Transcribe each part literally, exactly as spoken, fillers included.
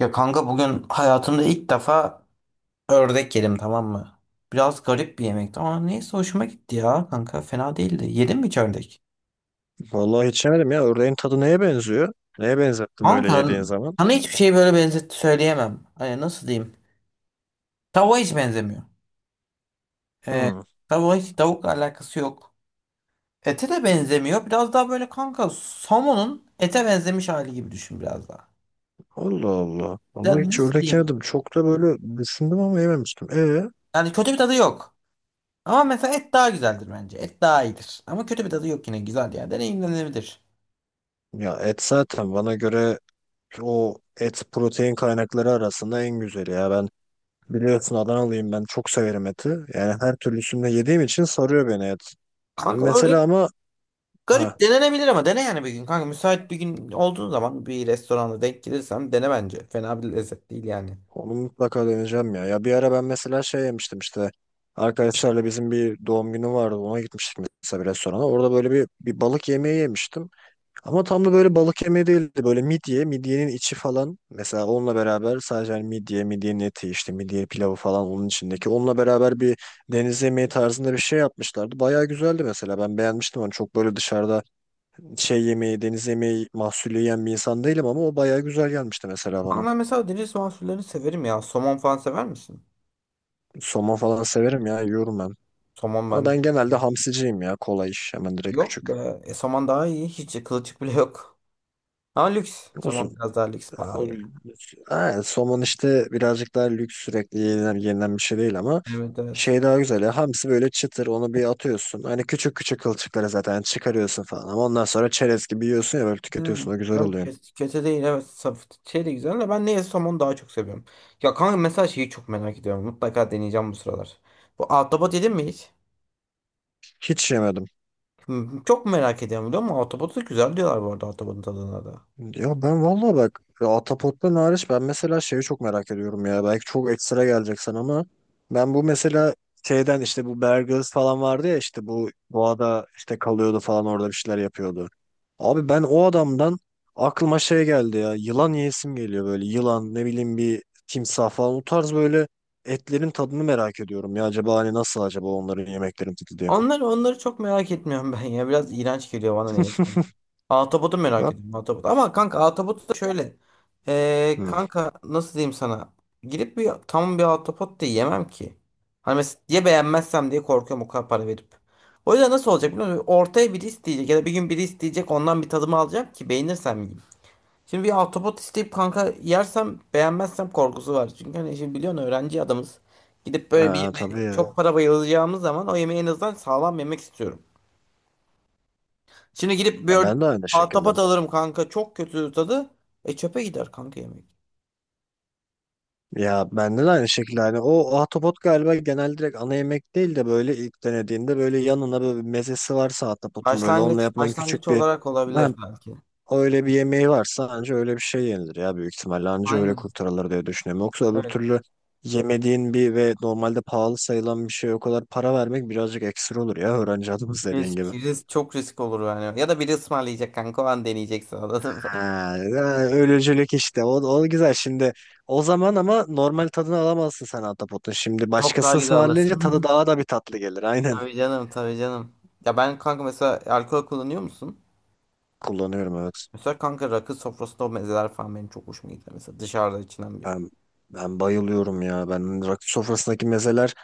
Ya kanka bugün hayatımda ilk defa ördek yedim, tamam mı? Biraz garip bir yemekti ama neyse hoşuma gitti ya kanka, fena değildi. Yedin mi hiç ördek? Vallahi hiç yemedim ya. Ördeğin tadı neye benziyor? Neye benzettim öyle Kanka yediğin zaman? sana hiçbir şey böyle benzet söyleyemem. Hani nasıl diyeyim? Tavuğa hiç benzemiyor. Ee, Hmm. tavuğa hiç, tavukla alakası yok. Ete de benzemiyor. Biraz daha böyle kanka somonun ete benzemiş hali gibi düşün biraz daha. Allah Allah. Ama Ya hiç nasıl ördek diyeyim? yemedim. Çok da böyle düşündüm ama yememiştim. E Yani kötü bir tadı yok. Ama mesela et daha güzeldir bence. Et daha iyidir. Ama kötü bir tadı yok, yine güzel yani, deneyimlenebilir. Ya et zaten bana göre o et protein kaynakları arasında en güzeli ya. Ben biliyorsun Adanalıyım, ben çok severim eti. Yani her türlüsünde yediğim için sarıyor beni et. Ben Kanka mesela öyle ama, garip, ha, denenebilir ama dene yani bir gün. Kanka müsait bir gün olduğun zaman bir restoranda denk gelirsen dene bence. Fena bir lezzet değil yani. onu mutlaka deneyeceğim ya. Ya bir ara ben mesela şey yemiştim işte. Arkadaşlarla bizim bir doğum günü vardı. Ona gitmiştik mesela bir restorana. Orada böyle bir, bir balık yemeği yemiştim. Ama tam da böyle balık yemeği değildi. Böyle midye, midyenin içi falan. Mesela onunla beraber sadece hani midye, midyenin eti işte midye pilavı falan onun içindeki. Onunla beraber bir deniz yemeği tarzında bir şey yapmışlardı. Bayağı güzeldi mesela. Ben beğenmiştim onu. Çok böyle dışarıda şey yemeği, deniz yemeği mahsulü yiyen bir insan değilim ama o bayağı güzel gelmişti mesela Ama bana. ben mesela deniz mahsullerini severim ya. Somon falan sever misin? Somon falan severim ya. Yiyorum ben. Somon Ama bende ben çok genelde hamsiciyim ya. Kolay iş. Hemen direkt yok küçük. be. E, somon daha iyi. Hiç kılçık bile yok. Ama lüks. Olsun. Somon biraz daha lüks, pahalı O, ya. ha, somon işte birazcık daha lüks, sürekli yenilen, yenilen bir şey değil ama Evet, evet. şey daha güzel ya. Hamsi böyle çıtır, onu bir atıyorsun. Hani küçük küçük kılçıkları zaten çıkarıyorsun falan. Ama ondan sonra çerez gibi yiyorsun ya, böyle Yani, tüketiyorsun. O güzel yok, oluyor. kes- kötü değil, evet, saf şey de güzel de ben neye somonu daha çok seviyorum. Ya kanka mesela şeyi çok merak ediyorum. Mutlaka deneyeceğim bu sıralar. Bu ahtapot yedin mi hiç? Hiç yemedim. Hı, çok merak ediyorum biliyor musun? Autobot'u da güzel diyorlar bu arada, Autobot'un tadına da. Ya ben valla bak ya, Atapot'tan hariç ben mesela şeyi çok merak ediyorum ya. Belki çok ekstra geleceksin ama ben bu mesela şeyden, işte bu Bear Grylls falan vardı ya, işte bu doğada işte kalıyordu falan, orada bir şeyler yapıyordu. Abi ben o adamdan aklıma şey geldi ya. Yılan yiyesim geliyor böyle. Yılan, ne bileyim, bir timsah falan, o tarz böyle etlerin tadını merak ediyorum ya. Acaba hani nasıl acaba onların yemeklerin tadı diye. Onları, onları çok merak etmiyorum ben ya. Biraz iğrenç geliyor bana, neyse. Autobot'u merak Hop. ediyorum. Autobot. Ama kanka Autobot da şöyle. Ee, Hı. kanka nasıl diyeyim sana? Gidip bir tam bir Autobot da yemem ki. Hani mesela ya beğenmezsem diye korkuyorum, o kadar para verip. O yüzden nasıl olacak biliyor musun? Ortaya biri isteyecek ya da bir gün biri isteyecek, ondan bir tadımı alacağım ki beğenirsem yiyeyim. Şimdi bir ahtapot isteyip kanka yersem, beğenmezsem korkusu var. Çünkü hani şimdi biliyorsun, öğrenci adamız. Gidip böyle bir Aa, tabii yemeğe çok ya. para bayılacağımız zaman o yemeği en azından sağlam yemek istiyorum. Şimdi gidip bir Ya ben de aynı şekilde. ahtapot alırım kanka, çok kötü tadı. E çöpe gider kanka yemek. Ya bende de aynı şekilde, hani o ahtapot galiba genel direkt ana yemek değil de böyle ilk denediğinde böyle yanına böyle bir mezesi varsa, ahtapotun böyle onunla Başlangıç, yapılan başlangıç küçük bir, olarak olabilir ben belki. öyle bir yemeği varsa anca öyle bir şey yenilir ya, büyük ihtimalle anca öyle Aynen. kurtarılır diye düşünüyorum. Yoksa öbür Evet. türlü yemediğin bir ve normalde pahalı sayılan bir şeye o kadar para vermek birazcık ekstra olur ya, öğrenci adımız dediğin gibi. Risk, risk, çok risk olur yani. Ya da biri ısmarlayacak kanka, o an deneyeceksin, anladın mı? Ha, yani ölücülük işte. O, o güzel. Şimdi o zaman ama normal tadını alamazsın sen Ahtapot'un. Şimdi Çok daha başkası güzel ısmarlayınca tadı alırsın. daha da bir tatlı gelir. Aynen. Tabii canım, tabii canım. Ya ben kanka mesela, alkol kullanıyor musun? Kullanıyorum, evet. Mesela kanka rakı sofrasında o mezeler falan benim çok hoşuma gidiyor. Mesela dışarıda içilen bir. Ben, ben bayılıyorum ya. Ben rakı sofrasındaki mezeler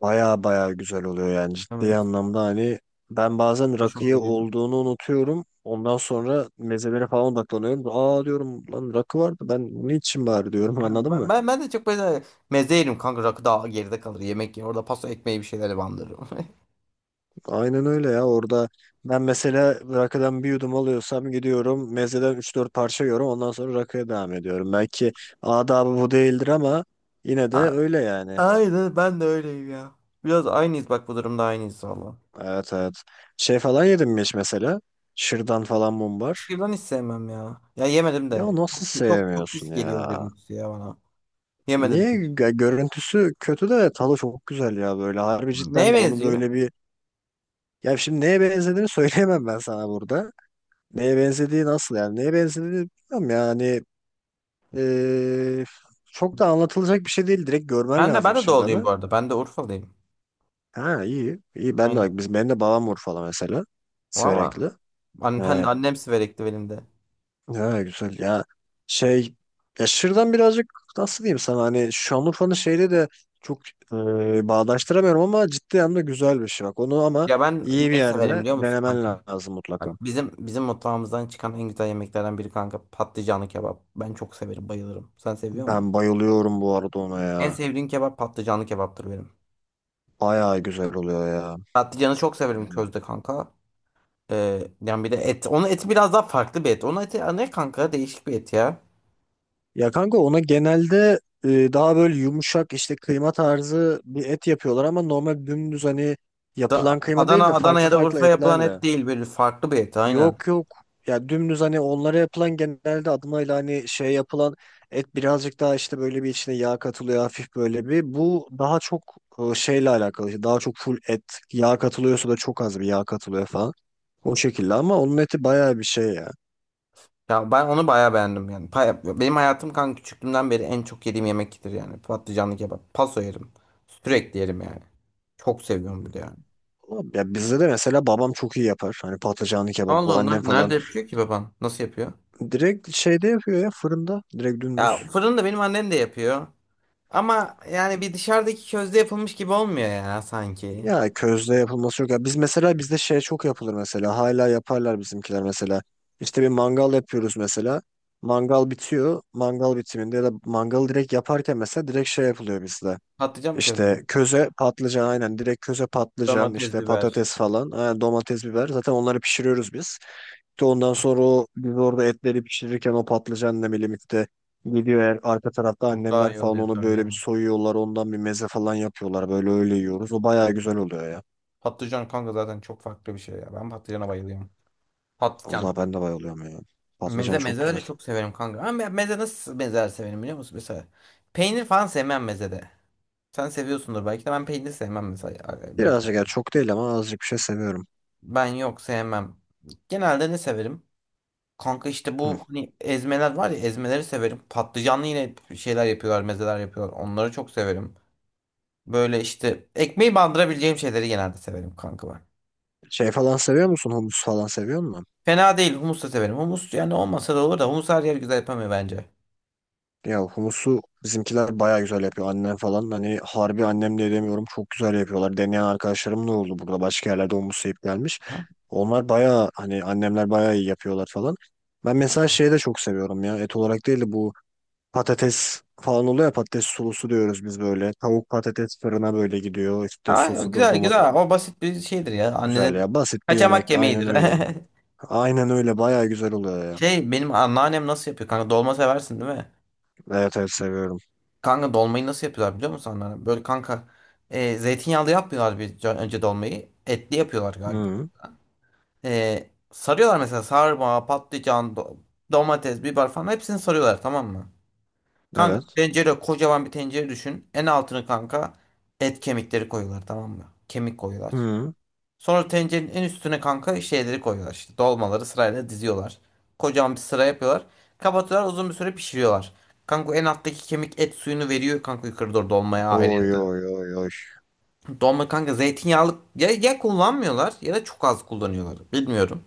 baya baya güzel oluyor yani. Ciddi Evet. anlamda hani ben bazen Hoşuma rakıya gidiyor. olduğunu unutuyorum. Ondan sonra mezelere falan odaklanıyorum. Aa diyorum, lan rakı vardı, ben bunu içeyim bari diyorum Ha, anladın mı? Ben, ben, ben de çok böyle meze yerim kanka, rakı daha geride kalır, yemek yer. Orada pasta ekmeği bir şeyler bandırırım. Aynen öyle ya, orada ben mesela rakadan bir yudum alıyorsam gidiyorum mezeden üç dört parça yiyorum, ondan sonra rakıya devam ediyorum. Belki adabı bu değildir ama yine de A- öyle yani. Aynen, ben de öyleyim ya. Biraz aynıyız bak, bu durumda aynıyız valla. Evet, evet. Şey falan yedim mi hiç mesela? Şırdan falan, mumbar. Şırdan hiç sevmem ya. Ya yemedim Ya de. nasıl Çok çok çok pis sevmiyorsun geliyor ya? görüntüsü ya bana. Yemedim Niye? de hiç. Gö- görüntüsü kötü de tadı çok güzel ya böyle. Harbi Neye cidden onu benziyor? böyle bir... Ya şimdi neye benzediğini söyleyemem ben sana burada. Neye benzediği nasıl yani? Neye benzediğini bilmiyorum yani. Ee, Çok da anlatılacak bir şey değil. Direkt görmen Ben de ben lazım de doğuluyum Şırdan'ı. bu arada. Ben de Urfalıyım. Ha, iyi. İyi, ben de Aynen. bak biz, ben de babam vur falan mesela. Valla. Sürekli. An, ben, He. annem Siverekli benim de. Ha, güzel ya. Şey, ya Şırdan birazcık, nasıl diyeyim sana, hani Şanlıurfa'nın şeyle de çok e, bağdaştıramıyorum ama ciddi anlamda güzel bir şey bak. Onu ama Ya ben iyi bir neyi severim yerde biliyor musun denemen kanka? lazım mutlaka. Bak bizim bizim mutfağımızdan çıkan en güzel yemeklerden biri kanka, patlıcanlı kebap. Ben çok severim, bayılırım. Sen seviyor musun? Ben bayılıyorum bu arada ona En ya. sevdiğim kebap patlıcanlı kebaptır benim. Bayağı güzel oluyor ya. Patlıcanı çok severim Yani, közde kanka. Ee, yani bir de et. Onun eti biraz daha farklı bir et. Onun eti ne kanka? Değişik bir et ya. ya kanka ona genelde e, daha böyle yumuşak işte kıyma tarzı bir et yapıyorlar ama normal dümdüz, hani Da, yapılan kıyma Adana, değil de Adana farklı ya da farklı Urfa yapılan etlerle. et değil, böyle farklı bir et, aynen. Yok yok ya, dümdüz hani onlara yapılan genelde adımıyla hani şey yapılan et birazcık daha işte böyle, bir içine yağ katılıyor hafif böyle bir. Bu daha çok e, şeyle alakalı, işte daha çok full et, yağ katılıyorsa da çok az bir yağ katılıyor falan. O şekilde, ama onun eti bayağı bir şey ya. Ya ben onu bayağı beğendim yani. Pa- Benim hayatım kanka, küçüklüğümden beri en çok yediğim yemektir yani. Patlıcanlı kebap. Paso yerim. Sürekli yerim yani. Çok seviyorum bir de yani. Ya bizde de mesela babam çok iyi yapar. Hani patlıcanlı kebabı Allah Allah. annem Nerede falan yapıyor ki baban? Nasıl yapıyor? direkt şeyde yapıyor ya, fırında. Direkt dümdüz. Ya fırında benim annem de yapıyor. Ama yani bir dışarıdaki közde yapılmış gibi olmuyor ya sanki. Ya közde yapılması yok. Ya biz mesela bizde şey çok yapılır mesela. Hala yaparlar bizimkiler mesela. İşte bir mangal yapıyoruz mesela. Mangal bitiyor. Mangal bitiminde ya da mangalı direkt yaparken mesela direkt şey yapılıyor bizde. Patlıcan mı közde? İşte köze patlıcan, aynen, direkt köze patlıcan Domates, işte biber. patates falan, aynen domates, biber, zaten onları pişiriyoruz biz. De ondan sonra o biz orada etleri pişirirken o patlıcanla birlikte gidiyor, eğer arka tarafta Çok daha annemler iyi falan oluyor onu tabii böyle bir canım. soyuyorlar, ondan bir meze falan yapıyorlar böyle, öyle yiyoruz. O bayağı güzel oluyor ya. Patlıcan kanka zaten çok farklı bir şey ya. Ben patlıcana bayılıyorum. Patlıcan. Allah, ben de bayılıyorum ya. Patlıcan Meze çok güzel. mezeleri çok severim kanka. Ama ben meze nasıl mezeler severim biliyor musun? Mesela peynir falan sevmem mezede. Sen seviyorsundur belki de, ben peynir sevmem mesela bir. Birazcık ya, çok değil ama azıcık bir şey seviyorum. Ben yok sevmem. Genelde ne severim? Kanka işte Hı. bu hani ezmeler var ya, ezmeleri severim. Patlıcanlı yine şeyler yapıyorlar, mezeler yapıyorlar. Onları çok severim. Böyle işte ekmeği bandırabileceğim şeyleri genelde severim kanka ben. Şey falan seviyor musun? Humus falan seviyor musun? Fena değil, humus da severim. Humus yani olmasa da olur da humus her yer güzel yapamıyor bence. Ya humusu bizimkiler baya güzel yapıyor. Annem falan, hani harbi annemle demiyorum, çok güzel yapıyorlar. Deneyen arkadaşlarım da oldu, burada başka yerlerde humus yiyip gelmiş. Onlar baya, hani annemler baya iyi yapıyorlar falan. Ben mesela şeyi de çok seviyorum ya, et olarak değil de bu patates falan oluyor ya, patates sulusu diyoruz biz böyle. Tavuk patates fırına böyle gidiyor, işte Ha, sosudur güzel domates, güzel. O basit bir şeydir ya. güzel Annenin ya, basit bir kaçamak yemek, aynen yemeğidir. öyle. Aynen öyle, baya güzel oluyor ya. Şey, benim anneannem nasıl yapıyor kanka? Dolma seversin değil mi? Evet, evet seviyorum. Kanka dolmayı nasıl yapıyorlar biliyor musun anneannem? Böyle kanka, e, zeytinyağlı yapmıyorlar bir önce dolmayı. Etli yapıyorlar galiba. Hı, E, sarıyorlar mesela sarma, patlıcan, do- domates, biber falan hepsini sarıyorlar tamam mı? Kanka evet. tencere, kocaman bir tencere düşün. En altını kanka et kemikleri koyuyorlar tamam mı? Kemik koyuyorlar. Hı. Sonra tencerenin en üstüne kanka şeyleri koyuyorlar işte. Dolmaları sırayla diziyorlar. Kocaman bir sıra yapıyorlar. Kapatıyorlar, uzun bir süre pişiriyorlar. Kanka en alttaki kemik et suyunu veriyor kanka, yukarı doğru dolmaya ayrı. Oy oy oy oy. Dolma kanka zeytinyağlı ya, ya kullanmıyorlar ya da çok az kullanıyorlar. Bilmiyorum.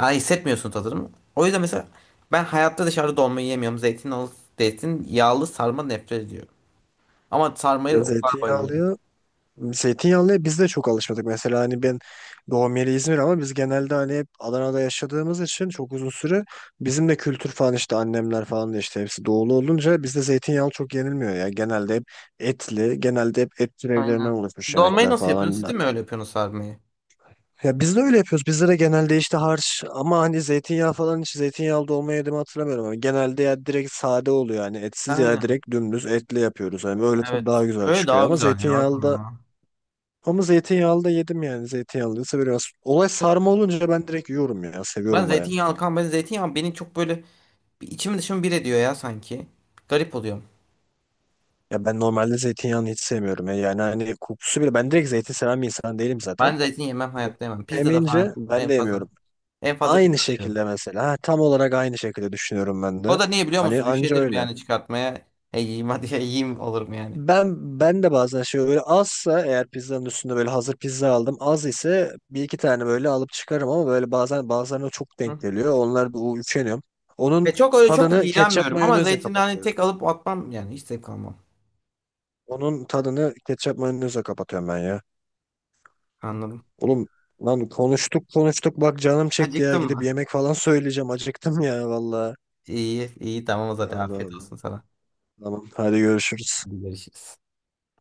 Yani hissetmiyorsun tadını. O yüzden mesela ben hayatta dışarıda dolma yemiyorum. Zeytinyağlı, zeytinyağlı sarma nefret ediyorum. Ama Ya sarmayı o kadar bayılıyorum. zeytinyağlıya zeytinyağlıya biz de çok alışmadık. Mesela hani ben, doğum yeri İzmir ama biz genelde hani hep Adana'da yaşadığımız için çok uzun süre, bizim de kültür falan, işte annemler falan da işte hepsi doğulu olunca bizde zeytinyağlı çok yenilmiyor ya. Genelde hep etli, genelde hep et türevlerinden Aynen. oluşmuş Dolmayı yemekler nasıl yapıyorsun? falan. Siz de Da, mi öyle yapıyorsunuz sarmayı? ya biz de öyle yapıyoruz. Bizde de genelde işte harç, ama hani zeytinyağı falan, hiç zeytinyağlı dolma yediğimi hatırlamıyorum. Ama genelde ya direkt sade oluyor, yani etsiz, ya Aynen. direkt dümdüz etli yapıyoruz. Hani böyle tadı Evet. daha güzel Böyle çıkıyor daha ama güzel ya Hakan zeytinyağlı da, ya. ama zeytinyağlı da yedim yani. Zeytinyağlıysa biraz. Olay Çok sarma olunca ben direkt yiyorum ya. Ben Seviyorum bayağı. zeytinyağlı kan ben zeytinyağı beni çok böyle bir, içimi dışımı bir ediyor ya sanki. Garip oluyorum. Ya ben normalde zeytinyağını hiç sevmiyorum ya. Yani hani kokusu bile. Ben direkt zeytin seven bir insan değilim zaten. Ben zeytin yemem, hayatta yemem. Pizza da Yemeyince falan ben en de fazla. yemiyorum. En fazla pizza Aynı da yerim. şekilde mesela. Ha, tam olarak aynı şekilde düşünüyorum ben O de. da niye biliyor Hani musun? anca Üşenirim öyle. yani çıkartmaya. E yiyeyim hadi ya, yiyeyim olurum yani. Ben ben de bazen şey, böyle azsa eğer pizzanın üstünde böyle, hazır pizza aldım, az ise bir iki tane böyle alıp çıkarım ama böyle bazen bazılarına çok Hı. denk geliyor. Onlar bu, üşeniyorum. Onun Ve çok öyle çok tadını ketçap iğrenmiyorum ama mayonezle zeytini hani kapatıyorum. tek alıp atmam, yani hiç zevk almam. Onun tadını ketçap mayonezle kapatıyorum ben ya. Anladım. Oğlum, lan konuştuk konuştuk bak, canım çekti ya, Acıktın gidip mı? yemek falan söyleyeceğim, acıktım ya valla. İyi iyi, tamam o Allah zaman, afiyet Allah. olsun sana. Tamam, hadi görüşürüz. Hadi görüşürüz.